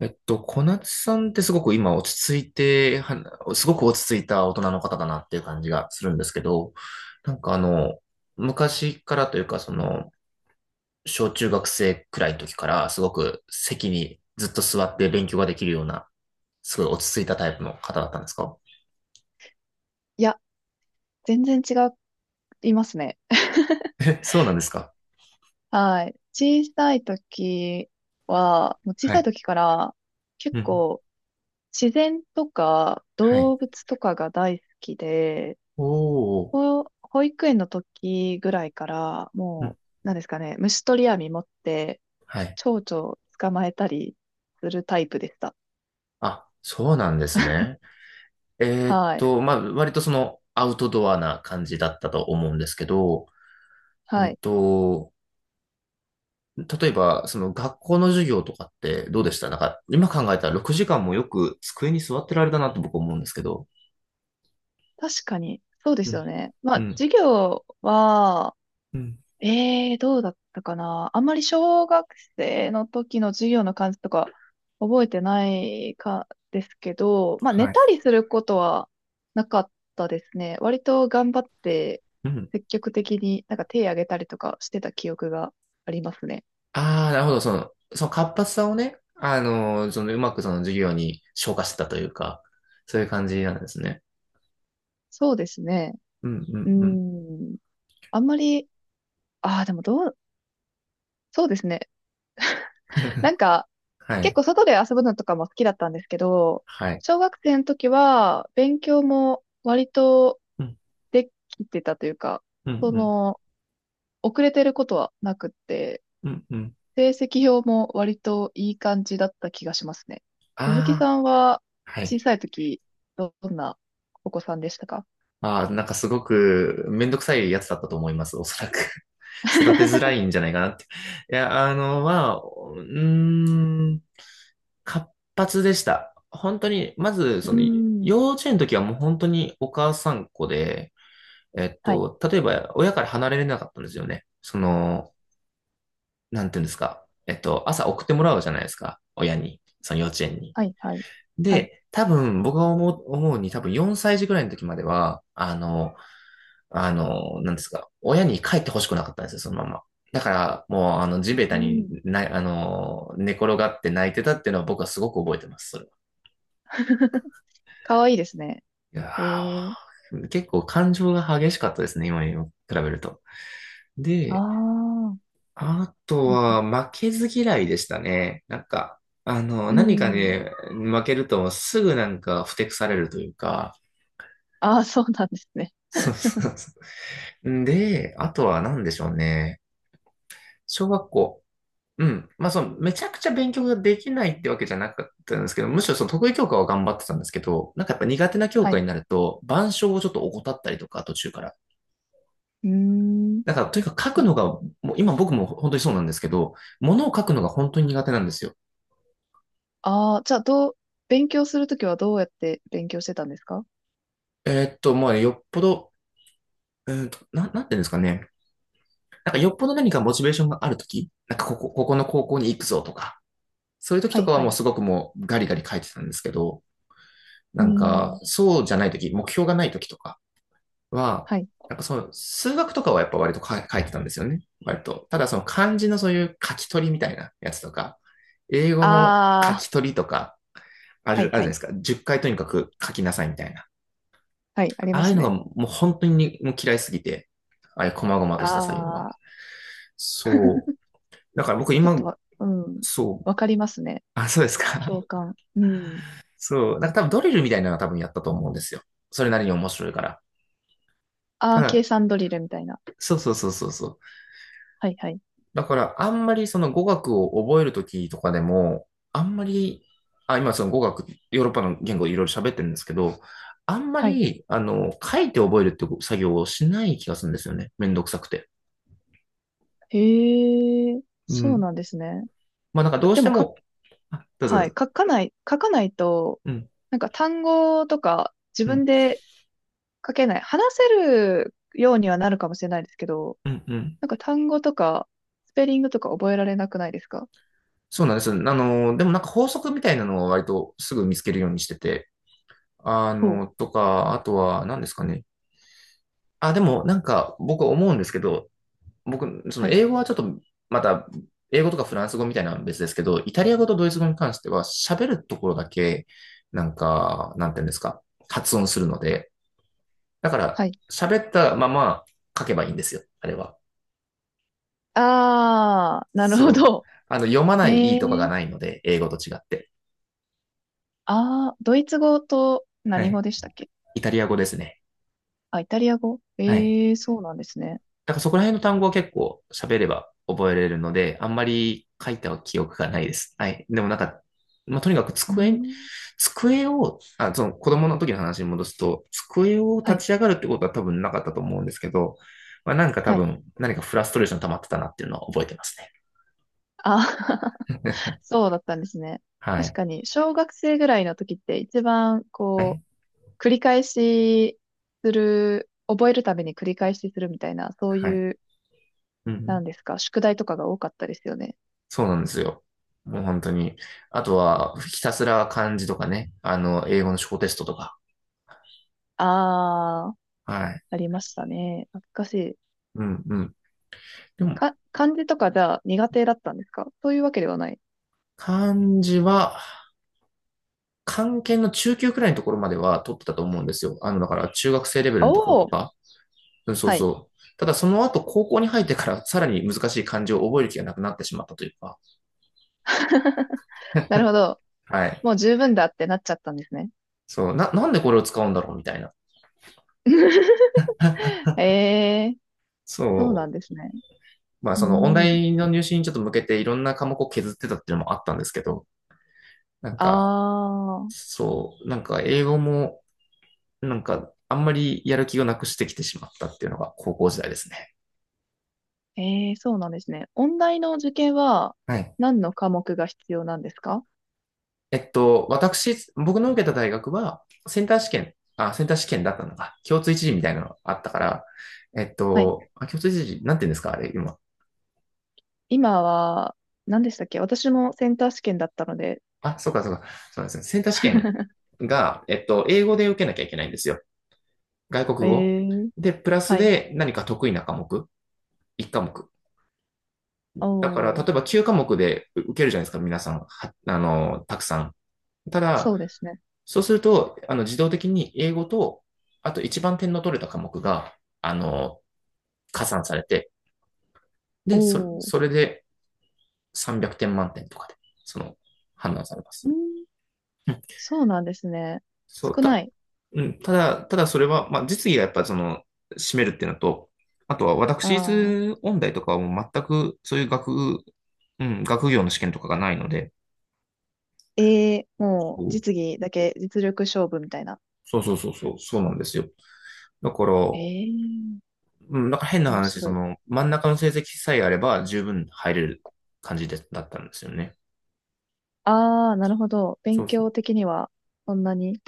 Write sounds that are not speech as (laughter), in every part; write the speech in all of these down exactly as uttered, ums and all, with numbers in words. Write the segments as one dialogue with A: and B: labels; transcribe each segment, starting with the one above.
A: えっと、小夏さんってすごく今落ち着いて、はすごく落ち着いた大人の方だなっていう感じがするんですけど、なんかあの、昔からというか、その、小中学生くらいの時からすごく席にずっと座って勉強ができるような、すごい落ち着いたタイプの方だったんですか？
B: いや、全然違いますね。(laughs)
A: え、そうなんですか？
B: はい。小さい時は、もう小
A: は
B: さい
A: い。
B: 時から
A: う
B: 結
A: ん。
B: 構自然とか
A: はい。
B: 動物とかが大好きで、
A: おお。
B: 保保育園の時ぐらいから
A: うん。
B: もう、なんですかね、虫取り網持って
A: はい。
B: 蝶々捕まえたりするタイプでした。
A: あ、そうなんですね。えーっ
B: はい。
A: と、まあ、割とその、アウトドアな感じだったと思うんですけど、う
B: は
A: ん
B: い。
A: と、例えば、その学校の授業とかってどうでした？なんか、今考えたらろくじかんもよく机に座ってられたなと僕思うんですけど。
B: 確かに、そうで
A: う
B: すよ
A: ん。
B: ね。ま
A: う
B: あ、
A: ん。
B: 授業は、
A: うん。
B: ええー、どうだったかな。あんまり小学生の時の授業の感じとか覚えてないかですけど、まあ寝
A: はい。
B: たりすることはなかったですね。割と頑張って
A: うん。
B: 積極的になんか手挙げたりとかしてた記憶がありますね。
A: ああ、なるほど。その、その活発さをね、あのーそのうまくその授業に昇華してたというか、そういう感じなんですね。
B: そうですね。
A: うん、う
B: う
A: ん、
B: ー
A: うん。
B: ん。あんまり、ああ、でもどう、そうですね。なんか
A: は
B: 結
A: い。
B: 構外で遊ぶのとかも好きだったんですけど、
A: はい。
B: 小学生の時は勉強も割と
A: うん、
B: できてたというか、
A: うん、
B: そ
A: うん、
B: の、遅れてることはなくって、
A: うん、うん。
B: 成績表も割といい感じだった気がしますね。鈴木
A: あ
B: さ
A: あ、
B: んは
A: は
B: 小
A: い。
B: さい時、どんなお子さんでしたか？
A: ああ、なんかすごくめんどくさいやつだったと思います、おそらく。(laughs) 育てづらいんじゃないかなって。いや、あの、まあ、うーん、活発でした。本当に、まず、そ
B: うー
A: の、
B: ん。
A: 幼稚園の時はもう本当にお母さんっ子で、えっ
B: はい、
A: と、例えば親から離れれなかったんですよね。その、なんていうんですか。えっと、朝送ってもらうじゃないですか。親に。その幼稚園に。
B: はい、はい、はい。
A: で、多分、僕が思う、思うに多分よんさい児ぐらいの時までは、あの、あの、なんですか、親に帰ってほしくなかったんですよ、そのまま。だから、もう、あの、地
B: う
A: べた
B: ー
A: に
B: ん。
A: な、あの、寝転がって泣いてたっていうのは僕はすごく覚えてます、それは。
B: (laughs) かわいいですね。
A: いや
B: ええー、
A: ー結構感情が激しかったですね、今に比べると。で、
B: ああ、
A: あと
B: うん、
A: は、負けず嫌いでしたね。なんか、あの、
B: うん、
A: 何か
B: うん。
A: ね、負けるとすぐなんか、ふてくされるというか、
B: ああ、そうなんですね。
A: そうそうそう。で、あとは何でしょうね。小学校。うん。まあ、その、めちゃくちゃ勉強ができないってわけじゃなかったんですけど、むしろその得意教科は頑張ってたんですけど、なんかやっぱ苦手な教
B: は
A: 科
B: い。
A: になると、板書をちょっと怠ったりとか、途中から。
B: うーん。
A: だから、とにかく書くのが、もう今僕も本当にそうなんですけど、ものを書くのが本当に苦手なんですよ。
B: ああ、じゃあ、どう、勉強するときはどうやって勉強してたんですか？
A: えーっと、まあ、よっぽど、うーんと、な、なんていうんですかね。なんかよっぽど何かモチベーションがあるとき、なんかここ、ここの高校に行くぞとか、そういうとき
B: は
A: と
B: い、
A: かは
B: はい。
A: もう
B: う
A: すごくもうガリガリ書いてたんですけど、
B: ー
A: なんか、
B: ん。
A: そうじゃないとき、目標がないときとか、は、
B: はい。
A: なんかその数学とかはやっぱ割とか書いてたんですよね。割と。ただその漢字のそういう書き取りみたいなやつとか、英語の書
B: ああ、
A: き取りとか、ある、あ
B: は
A: るじ
B: い
A: ゃない
B: は
A: で
B: い。
A: すか。じゅっかいとにかく書きなさいみたいな。
B: はい、あり
A: あ
B: ま
A: あいう
B: す
A: のが
B: ね。
A: もう本当にもう嫌いすぎて、ああいう細々とした作業は。
B: ああ、
A: そう。だから僕
B: ちょっ
A: 今、
B: とわ、うん。
A: そう。
B: わかりますね。
A: あ、そうです
B: 共
A: か。
B: 感。うん。
A: (laughs) そう。なんか多分ドリルみたいなのは多分やったと思うんですよ。それなりに面白いから。
B: あ
A: た
B: あ、計
A: だ、
B: 算ドリルみたいな。
A: そうそうそうそうそう。
B: はいはい。
A: だから、あんまりその語学を覚えるときとかでも、あんまり、あ、今その語学、ヨーロッパの言語いろいろ喋ってるんですけど、あんま
B: はい。
A: り、あの、書いて覚えるって作業をしない気がするんですよね。めんどくさくて。
B: へえ、
A: う
B: そう
A: ん。
B: なんですね。
A: まあなんかどうし
B: で
A: て
B: も、か、
A: も、あ、どうぞど
B: は
A: う
B: い。
A: ぞ。
B: 書かない、書かないと、
A: うん、
B: なんか単語とか自
A: う
B: 分
A: ん、
B: で書けない。話せるようにはなるかもしれないですけど、
A: うん、うん。
B: なんか単語とか、スペリングとか覚えられなくないですか？
A: そうなんです。あの、でもなんか法則みたいなのは割とすぐ見つけるようにしてて、あ
B: ほう。
A: の、とか、あとは何ですかね。あ、でもなんか僕思うんですけど、僕、そ
B: は
A: の
B: い。
A: 英語はちょっと、また、英語とかフランス語みたいなのは別ですけど、イタリア語とドイツ語に関しては、喋るところだけ、なんか、なんていうんですか、発音するので、だから、
B: はい。
A: 喋ったまま書けばいいんですよ、あれは。
B: ああ、なるほ
A: そう。
B: ど。
A: あの、読まないい
B: え
A: いとかが
B: え、
A: ないので、英語と違って。
B: ああー、ドイツ語と
A: は
B: 何
A: い。
B: 語でしたっけ？
A: イタリア語ですね。
B: あ、イタリア語、
A: はい。
B: ええ、そうなんですね。
A: だからそこら辺の単語は結構喋れば覚えれるので、あんまり書いた記憶がないです。はい。でもなんか、まあ、とにかく
B: う
A: 机、
B: ん。
A: 机を、あ、その子供の時の話に戻すと、机を
B: はい、
A: 立ち上がるってことは多分なかったと思うんですけど、まあ、なんか多
B: はい。
A: 分何かフラストレーション溜まってたなっていうのは覚えてますね。
B: ああ、 (laughs)
A: (laughs)
B: そうだったんですね。
A: は
B: 確
A: い。
B: かに、小学生ぐらいの時って一番、
A: は
B: こ
A: い。
B: う、繰り返しする、覚えるために繰り返しするみたいな、そう
A: はい。
B: いう、
A: う
B: な
A: ん。
B: んですか、宿題とかが多かったですよね。
A: そうなんですよ。もう本当に。あとは、ひたすら漢字とかね、あの、英語の小テストとか。
B: ああ、
A: はい。
B: ありましたね。懐かしい。
A: うんうん。でも、
B: か、漢字とかじゃあ苦手だったんですか？そういうわけではない。
A: 漢字は、漢検の中級くらいのところまでは取ってたと思うんですよ。あの、だから中学生レベル
B: お
A: のところと
B: お、
A: か。うん、そう
B: はい。
A: そう。ただその後高校に入ってからさらに難しい漢字を覚える気がなくなってしまったというか。
B: なるほど。
A: はい。
B: もう十分だってなっちゃったんですね。
A: そう。な、なんでこれを使うんだろうみたいな。
B: ええ、そうな
A: そ
B: んで
A: う。
B: すね。
A: まあ
B: う
A: その音
B: ん。
A: 大の入試にちょっと向けていろんな科目を削ってたっていうのもあったんですけど、なんか、
B: ああ、
A: そう。なんか英語も、なんかあんまりやる気をなくしてきてしまったっていうのが高校時代ですね。
B: ええ、そうなんですね。音大の受験は
A: はい。
B: 何の科目が必要なんですか？
A: えっと、私、僕の受けた大学は、センター試験、あ、センター試験だったのか、共通一次みたいなのがあったから、えっ
B: はい。
A: と、あ、共通一次、なんて言うんですか、あれ、今。
B: 今は、何でしたっけ？私もセンター試験だったので。
A: あ、そうか、そうか、そうですね。センター試験
B: (laughs)
A: が、えっと、英語で受けなきゃいけないんですよ。外国
B: え
A: 語。
B: え、
A: で、プラス
B: はい。
A: で何か得意な科目、いっかもく科目。だから、
B: お
A: 例
B: ー、
A: えばきゅうかもく科目で受けるじゃないですか、皆さん、はあの、たくさん。ただ、
B: そうですね。
A: そうすると、あの、自動的に英語と、あと一番点の取れた科目が、あの、加算されて、で、それ
B: おー、
A: それでさんびゃくてん満点とかで、その、判断されま
B: う
A: す。
B: ん、
A: うん。
B: そうなんですね。
A: そう、
B: 少な
A: た、
B: い。
A: うん、ただ、ただそれは、まあ、実技がやっぱその、占めるっていうのと、あとは私
B: ああ、
A: 立音大とかはもう全くそういう学、うん、学業の試験とかがないので、
B: ええ、も
A: そ
B: う実技だけ実力勝負みたいな。
A: うそうそうそう、そうなんですよ。だから、
B: ええ、
A: うん、なんか変な
B: 面
A: 話、そ
B: 白い。
A: の、真ん中の成績さえあれば十分入れる感じで、だったんですよね。
B: ああ、なるほど。勉
A: そうそ
B: 強
A: う。
B: 的には、そんなに。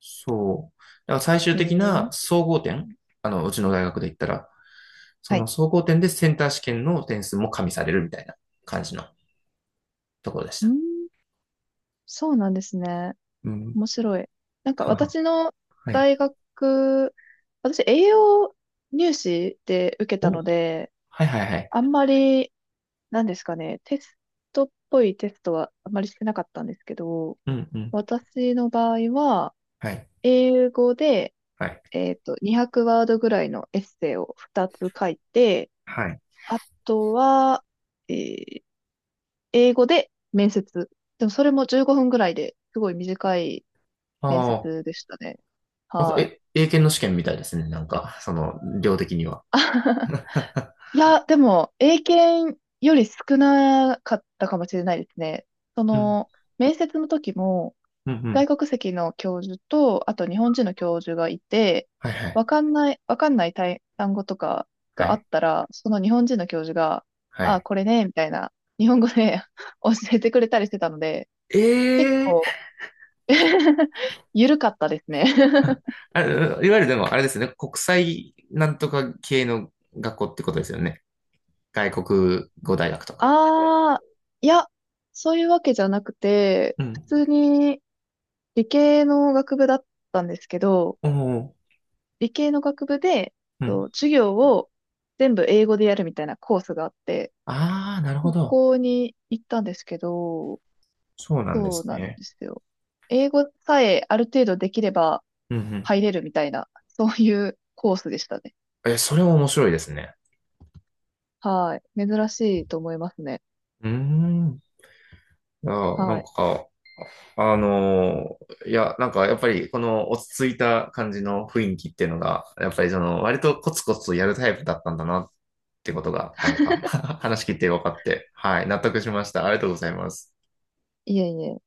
A: そう。だから最終
B: え
A: 的な
B: え、
A: 総合点、あの、うちの大学で言ったら、そ
B: はい。
A: の総合点でセンター試験の点数も加味されるみたいな感じのところでし
B: う
A: た。
B: ん、そうなんですね。
A: うん。
B: 面白い。なんか
A: (laughs) は
B: 私の
A: い。
B: 大学、私栄養入試で受けた
A: お、
B: の
A: は
B: で、
A: いはいはい。
B: あんまり、なんですかね、テストっぽいテストはあんまりしてなかったんですけど、
A: うんうん。
B: 私の場合は、
A: はい。
B: 英語で、
A: はい。
B: えっと、にひゃくワードぐらいのエッセイをふたつ書いて、
A: はい。
B: あとは、えー英語で面接。でもそれもじゅうごふんぐらいで、すごい短い面
A: あ
B: 接
A: あ、
B: でしたね。
A: なんか、
B: はい。
A: え、英検の試験みたいですね。なんか、その、量的には。
B: (laughs)
A: (laughs)
B: いや、でも、英検より少なかったかもしれないですね。そ
A: うん。
B: の、面接の時も、
A: うんう
B: 外
A: ん。
B: 国籍の教授と、あと日本人の教授がいて、
A: はいはい。
B: わかんない、わかんない単単語とか
A: は
B: があ
A: い。
B: ったら、その日本人の教授が、
A: は
B: あ、
A: い。
B: これね、みたいな、日本語で (laughs) 教えてくれたりしてたので、結
A: え
B: 構
A: え、
B: (laughs) ゆるかったですね。
A: あ、いわゆるでも、あれですよね。国際なんとか系の学校ってことですよね。外国語大
B: (laughs)
A: 学とか。
B: ああ、いや、そういうわけじゃなくて、
A: う
B: 普
A: ん。
B: 通に理系の学部だったんですけど、
A: おお。
B: 理系の学部で、
A: うん。
B: と授業を全部英語でやるみたいなコースがあって、
A: ああ、なるほ
B: こ
A: ど。
B: こに行ったんですけど、
A: そうなんで
B: そう
A: す
B: なん
A: ね。
B: ですよ。英語さえある程度できれば
A: うんうん、
B: 入れるみたいな、そういうコースでしたね。
A: え、それも面白いですね。
B: はい。珍しいと思いますね。
A: うん。ーん。あ、な
B: は
A: ん
B: い。
A: か、あのーいや、なんかやっぱりこの落ち着いた感じの雰囲気っていうのが、やっぱりその割とコツコツとやるタイプだったんだなってことが、なんか (laughs) 話聞いて分かって、はい、納得しました。ありがとうございます。
B: いえいえ。